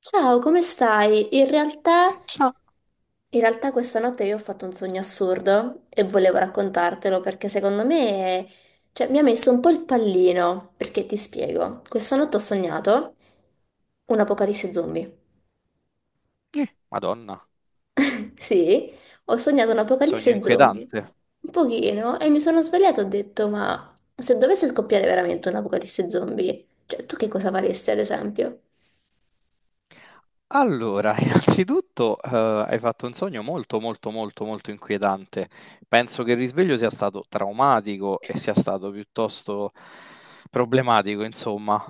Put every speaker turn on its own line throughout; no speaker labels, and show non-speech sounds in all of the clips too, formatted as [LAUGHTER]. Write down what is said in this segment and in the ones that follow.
Ciao, come stai? In realtà,
Ciao.
in realtà questa notte io ho fatto un sogno assurdo e volevo raccontartelo perché secondo me, cioè, mi ha messo un po' il pallino, perché ti spiego. Questa notte ho sognato un'apocalisse zombie.
Madonna,
[LAUGHS] Sì, ho sognato
sogno
un'apocalisse zombie.
inquietante.
Un pochino, e mi sono svegliata e ho detto, ma se dovesse scoppiare veramente un'apocalisse zombie, cioè, tu che cosa faresti ad esempio?
Allora, [LAUGHS] innanzitutto, hai fatto un sogno molto inquietante. Penso che il risveglio sia stato traumatico e sia stato piuttosto problematico, insomma,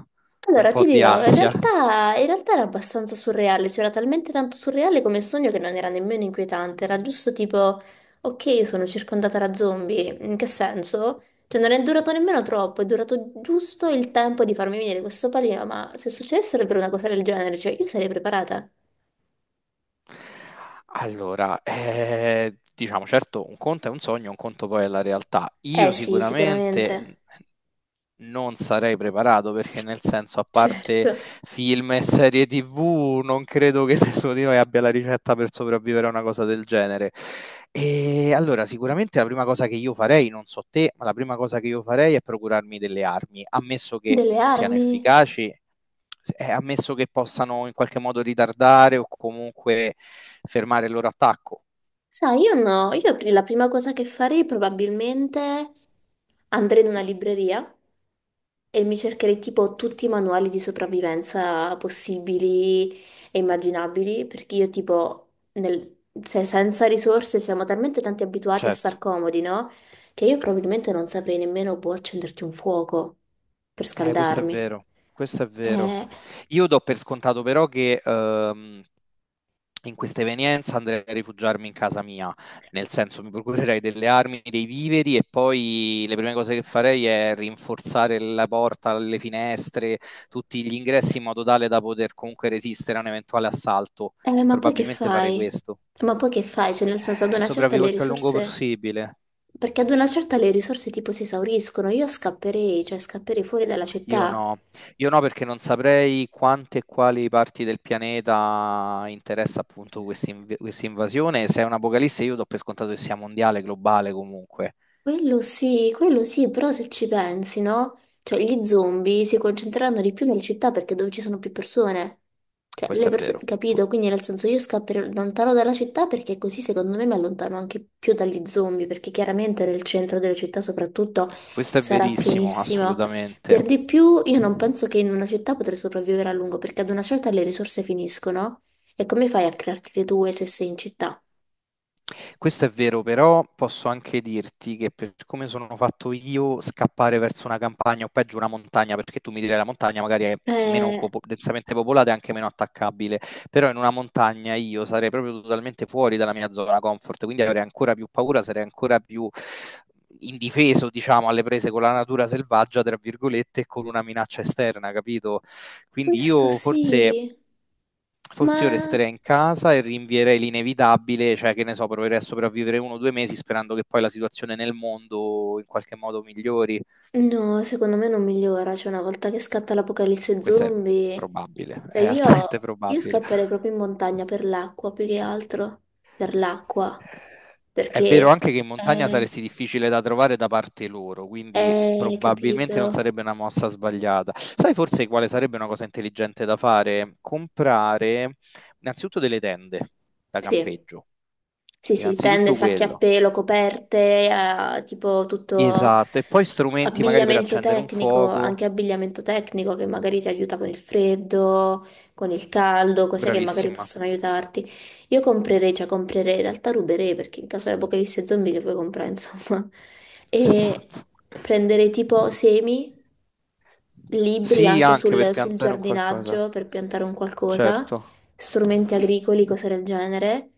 un
Allora, ti
po' di
dirò, in
ansia.
realtà, in realtà era abbastanza surreale, c'era talmente tanto surreale come sogno che non era nemmeno inquietante, era giusto tipo, ok, sono circondata da zombie, in che senso? Cioè non è durato nemmeno troppo, è durato giusto il tempo di farmi venire questo pallino, ma se succedesse davvero una cosa del genere, cioè io sarei preparata.
Allora, diciamo, certo, un conto è un sogno, un conto poi è la realtà.
Eh
Io
sì,
sicuramente
sicuramente,
non sarei preparato perché nel senso, a parte
certo.
film e serie TV, non credo che [LAUGHS] nessuno di noi abbia la ricetta per sopravvivere a una cosa del genere. E allora, sicuramente la prima cosa che io farei, non so te, ma la prima cosa che io farei è procurarmi delle armi, ammesso che
Delle
siano
armi?
efficaci ammesso che possano in qualche modo ritardare o comunque fermare il loro attacco.
Sai, io no, io la prima cosa che farei probabilmente andrei in una libreria. E mi cercherei tipo tutti i manuali di sopravvivenza possibili e immaginabili, perché io tipo, senza risorse siamo talmente tanti abituati a
Certo,
star comodi, no? Che io probabilmente non saprei nemmeno boh, accenderti un fuoco per
questo è
scaldarmi.
vero, questo è vero.
Eh,
Io do per scontato però che in questa evenienza andrei a rifugiarmi in casa mia, nel senso mi procurerei delle armi, dei viveri e poi le prime cose che farei è rinforzare la porta, le finestre, tutti gli ingressi in modo tale da poter comunque resistere a un eventuale assalto.
ma poi che
Probabilmente farei
fai?
questo.
Ma poi che fai? Cioè, nel senso, ad una certa
Sopravvivo
le
il più a lungo
risorse...
possibile.
Perché ad una certa le risorse tipo si esauriscono, io scapperei, cioè scapperei fuori dalla
Io
città.
no, io no perché non saprei quante e quali parti del pianeta interessa appunto questa questa invasione. Se è un'apocalisse, io do per scontato che sia mondiale, globale comunque.
Quello sì, però se ci pensi, no? Cioè, gli zombie si concentreranno di più nelle città perché è dove ci sono più persone. Cioè, le
Questo è
persone,
vero.
capito? Quindi nel senso io scapperò lontano dalla città perché così secondo me mi allontano anche più dagli zombie, perché chiaramente nel centro delle città soprattutto
Questo è
sarà
verissimo,
pienissima.
assolutamente.
Per di più, io non penso che in una città potrei sopravvivere a lungo, perché ad una certa le risorse finiscono. E come fai a crearti le tue se sei in città?
Questo è vero, però posso anche dirti che per come sono fatto io, scappare verso una campagna o peggio una montagna, perché tu mi direi la montagna magari è
Eh,
densamente popolata e anche meno attaccabile, però in una montagna io sarei proprio totalmente fuori dalla mia zona comfort, quindi avrei ancora più paura, sarei ancora più indifeso, diciamo, alle prese con la natura selvaggia, tra virgolette, e con una minaccia esterna, capito? Quindi
questo
io forse
sì, ma
Forse io resterei in casa e rinvierei l'inevitabile, cioè che ne so, proverei a sopravvivere 1 o 2 mesi sperando che poi la situazione nel mondo in qualche modo migliori.
no, secondo me non migliora, cioè una volta che scatta l'apocalisse
Questo è
zombie,
probabile,
cioè
è altamente
io
probabile.
scapperei proprio in montagna per l'acqua, più che altro, per l'acqua,
Eh, È vero
perché
anche che in montagna
è,
saresti difficile da trovare da parte loro, quindi
è,
probabilmente non
capito?
sarebbe una mossa sbagliata. Sai forse quale sarebbe una cosa intelligente da fare? Comprare innanzitutto delle tende da
Sì,
campeggio.
sì, sì, tende,
Innanzitutto
sacchi a
quello.
pelo, coperte, tipo tutto
Esatto, e poi strumenti magari per
abbigliamento
accendere un
tecnico,
fuoco.
che magari ti aiuta con il freddo, con il caldo, cose che magari
Bravissima.
possono aiutarti. Io comprerei, cioè comprerei, in realtà ruberei perché in caso di apocalisse zombie che puoi comprare, insomma. [LAUGHS]
[LAUGHS]
E
Esatto.
prenderei tipo semi, libri
Sì,
anche
anche per
sul
piantare un qualcosa.
giardinaggio per piantare un qualcosa,
Certo.
strumenti agricoli, cose del genere.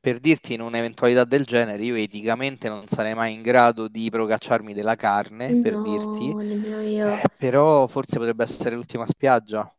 Per dirti, in un'eventualità del genere, io eticamente non sarei mai in grado di procacciarmi della carne, per dirti,
No, nemmeno io.
però forse potrebbe essere l'ultima spiaggia.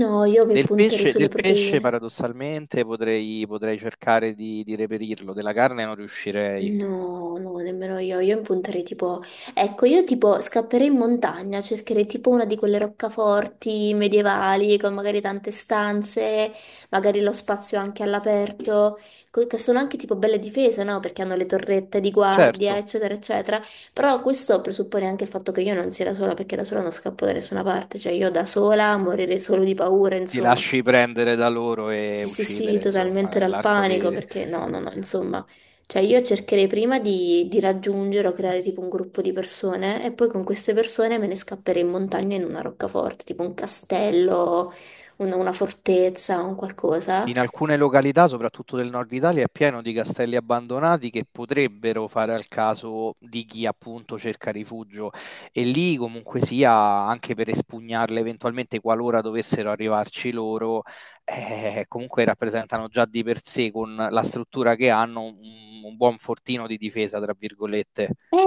No, io mi
Del
punterei
pesce,
sulle
del pesce
proteine.
paradossalmente potrei cercare di reperirlo, della carne non riuscirei.
No, no, nemmeno io. Io mi punterei tipo... Ecco, io tipo scapperei in montagna, cercherei tipo una di quelle roccaforti medievali con magari tante stanze, magari lo spazio anche all'aperto, che sono anche tipo belle difese, no? Perché hanno le torrette di guardia,
Certo.
eccetera, eccetera. Però questo presuppone anche il fatto che io non sia da sola, perché da sola non scappo da nessuna parte. Cioè, io da sola morirei solo di paura,
Ti
insomma.
lasci prendere da loro e
Sì, sì, sì,
uccidere, insomma,
totalmente dal
nell'arco
panico,
di...
perché no, no, no, insomma, cioè io cercherei prima di raggiungere o creare tipo un gruppo di persone e poi con queste persone me ne scapperei in montagna in una roccaforte, tipo un castello, una fortezza, un qualcosa.
In alcune località, soprattutto del nord Italia, è pieno di castelli abbandonati che potrebbero fare al caso di chi appunto cerca rifugio e lì comunque sia, anche per espugnarle eventualmente qualora dovessero arrivarci loro, comunque rappresentano già di per sé con la struttura che hanno un buon fortino di difesa, tra virgolette.
Eh,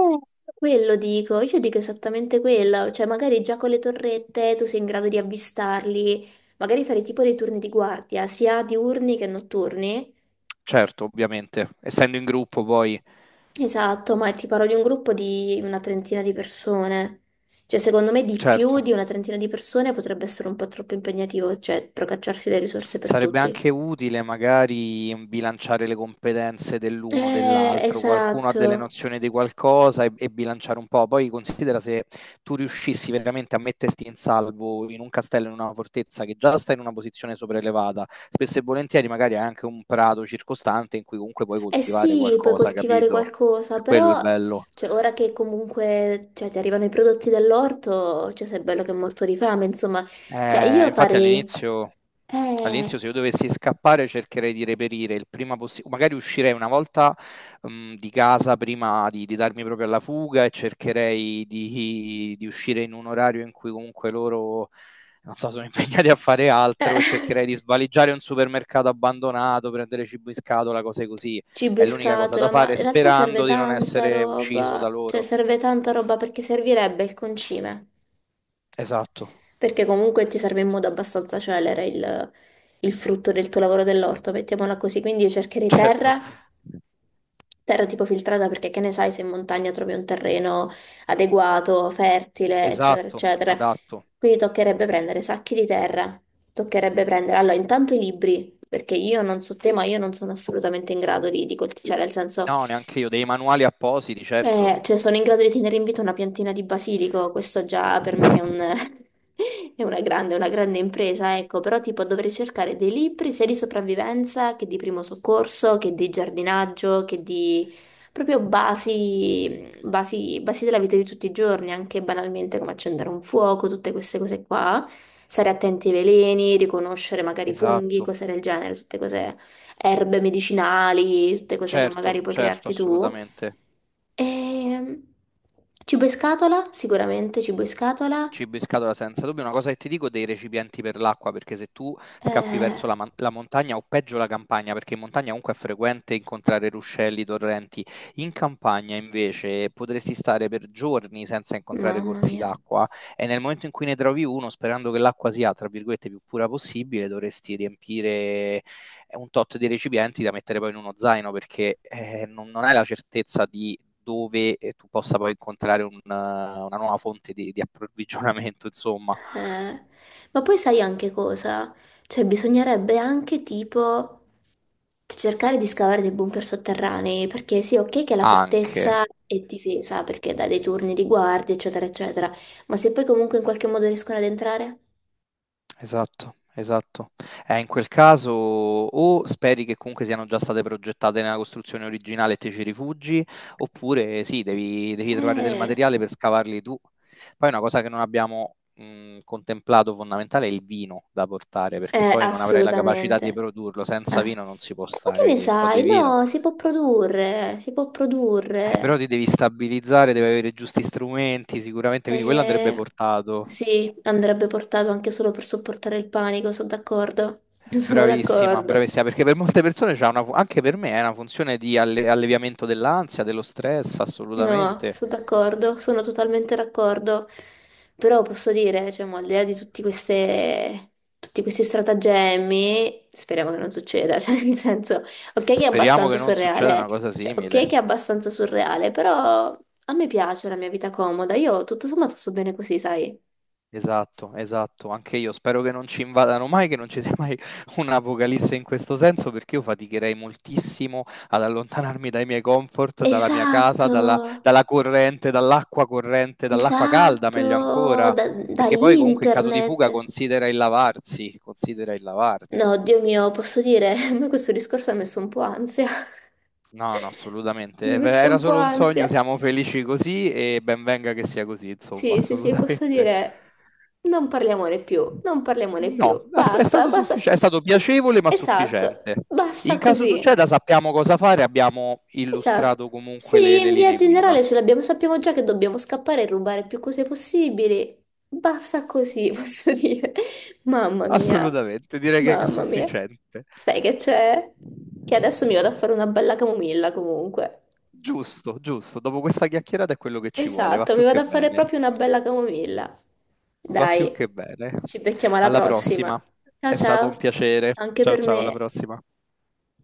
Quello dico, io dico esattamente quello, cioè magari già con le torrette tu sei in grado di avvistarli, magari fare tipo dei turni di guardia, sia diurni che notturni.
Certo, ovviamente, essendo in gruppo poi,
Esatto, ma ti parlo di un gruppo di una trentina di persone. Cioè, secondo me di più
certo.
di una trentina di persone potrebbe essere un po' troppo impegnativo, cioè procacciarsi le risorse per
Sarebbe
tutti.
anche utile magari bilanciare le competenze dell'uno o dell'altro, qualcuno ha delle
Esatto.
nozioni di qualcosa e bilanciare un po'. Poi considera se tu riuscissi veramente a metterti in salvo in un castello, in una fortezza che già sta in una posizione sopraelevata, spesso e volentieri magari hai anche un prato circostante in cui comunque puoi
Eh
coltivare
sì, puoi
qualcosa,
coltivare
capito?
qualcosa,
Quello è il
però
bello.
cioè, ora che comunque cioè, ti arrivano i prodotti dall'orto, cioè, sei bello che è molto di fame, insomma. Cioè, io
Infatti
farei...
all'inizio,
Eh...
all'inizio se io dovessi scappare cercherei di reperire il prima possibile, magari uscirei una volta di casa prima di darmi proprio alla fuga e cercherei di uscire in un orario in cui comunque loro, non so, sono impegnati a fare altro e
eh.
cercherei di
[LAUGHS]
svaligiare un supermercato abbandonato, prendere cibo in scatola, cose così.
Cibo
È
in
l'unica cosa da
scatola, ma
fare
in realtà serve
sperando di non
tanta
essere ucciso da
roba, cioè
loro.
serve tanta roba perché servirebbe il concime,
Esatto,
perché comunque ti serve in modo abbastanza celere il frutto del tuo lavoro dell'orto, mettiamola così, quindi io cercherei
certo,
terra, terra tipo filtrata perché che ne sai se in montagna trovi un terreno adeguato, fertile, eccetera,
esatto,
eccetera.
adatto.
Quindi toccherebbe prendere sacchi di terra, toccherebbe prendere, allora intanto i libri, perché io non so te, ma io non sono assolutamente in grado di coltivare, cioè nel senso...
No, neanche io, dei manuali appositi, certo.
Cioè sono in grado di tenere in vita una piantina di basilico, questo già per me è [LAUGHS] è una grande impresa, ecco, però tipo dovrei cercare dei libri sia di sopravvivenza che di primo soccorso, che di giardinaggio, che di proprio basi della vita di tutti i giorni, anche banalmente come accendere un fuoco, tutte queste cose qua, stare attenti ai veleni, riconoscere magari i funghi,
Esatto,
cose del genere, tutte cose erbe medicinali, tutte cose che magari
certo,
puoi
certo,
crearti tu.
assolutamente.
E... Cibo in scatola, sicuramente cibo in scatola.
Cibo in scatola senza dubbio. Una cosa che ti dico dei recipienti per l'acqua, perché se tu scappi
Eh,
verso la, la montagna o peggio la campagna, perché in montagna comunque è frequente incontrare ruscelli, torrenti, in campagna invece potresti stare per giorni senza incontrare
mamma
corsi
mia.
d'acqua e nel momento in cui ne trovi uno, sperando che l'acqua sia, tra virgolette, più pura possibile, dovresti riempire è un tot di recipienti da mettere poi in uno zaino perché non hai la certezza di dove tu possa poi incontrare una nuova fonte di approvvigionamento, insomma,
Eh, ma poi sai anche cosa? Cioè, bisognerebbe anche tipo cercare di scavare dei bunker sotterranei, perché sì, ok che la
anche.
fortezza è difesa, perché dà dei turni di guardia, eccetera, eccetera, ma se poi comunque in qualche modo riescono ad entrare?
Esatto, esatto. In quel caso o speri che comunque siano già state progettate nella costruzione originale e te ci rifugi, oppure sì, devi trovare del
Eh...
materiale per scavarli tu. Poi una cosa che non abbiamo contemplato fondamentale è il vino da portare, perché poi non avrai la capacità di
Assolutamente.
produrlo, senza
Ass-
vino non si può
Ma che
stare,
ne
quindi un po' di
sai?
vino.
No, si può produrre, si può
Però
produrre.
ti devi stabilizzare, devi avere i giusti strumenti sicuramente, quindi quello andrebbe
Eh,
portato.
sì, andrebbe portato anche solo per sopportare il panico, sono d'accordo. [LAUGHS] Sono
Bravissima,
d'accordo.
bravissima, perché per molte persone anche per me è una funzione di alleviamento dell'ansia, dello stress,
No,
assolutamente.
sono d'accordo, sono totalmente d'accordo, però posso dire, cioè, mo, al di là di tutti queste, tutti questi stratagemmi, speriamo che non succeda, [LAUGHS] cioè, nel senso, ok che è
Speriamo
abbastanza
che non succeda
surreale,
una cosa
cioè, ok che
simile.
è abbastanza surreale, però a me piace la mia vita comoda, io tutto sommato sto bene così, sai?
Esatto, esatto, anche io spero che non ci invadano mai, che non ci sia mai [LAUGHS] un'apocalisse in questo senso, perché io faticherei moltissimo ad allontanarmi dai miei comfort, dalla mia casa,
Esatto,
dalla, dalla corrente, dall'acqua calda, meglio
esatto,
ancora,
da
perché poi comunque in caso di fuga
internet.
considera il lavarsi, considera il lavarsi.
No, Dio mio, posso dire, [LAUGHS] a me questo discorso ha messo un po' ansia.
No, no, assolutamente.
Mi ha messo
Era
un po'
solo un sogno,
ansia.
siamo felici così e ben venga che sia così, insomma, [LAUGHS]
Sì, sì, sì, posso
assolutamente.
dire, non parliamone più, non parliamone
No,
più,
è
basta,
stato
basta.
è stato
Es-
piacevole ma
esatto,
sufficiente. In
basta
caso
così.
succeda sappiamo cosa fare, abbiamo
Esatto.
illustrato comunque
Sì,
le
in via
linee guida.
generale ce
[LAUGHS]
l'abbiamo, sappiamo già che dobbiamo scappare e rubare più cose possibili. Basta così, [LAUGHS] posso dire. Mamma mia,
Assolutamente, direi che è
mamma mia.
sufficiente.
Sai che c'è? Che adesso mi vado a fare una bella camomilla comunque.
Giusto, giusto. Dopo questa chiacchierata è quello che ci vuole, va
Esatto, mi
più
vado
che
a fare
bene.
proprio una bella camomilla.
Va più
Dai,
che bene.
ci becchiamo alla
Alla
prossima.
prossima.
Ciao
È stato un
ciao,
piacere.
anche
Ciao
per
ciao, alla
me.
prossima.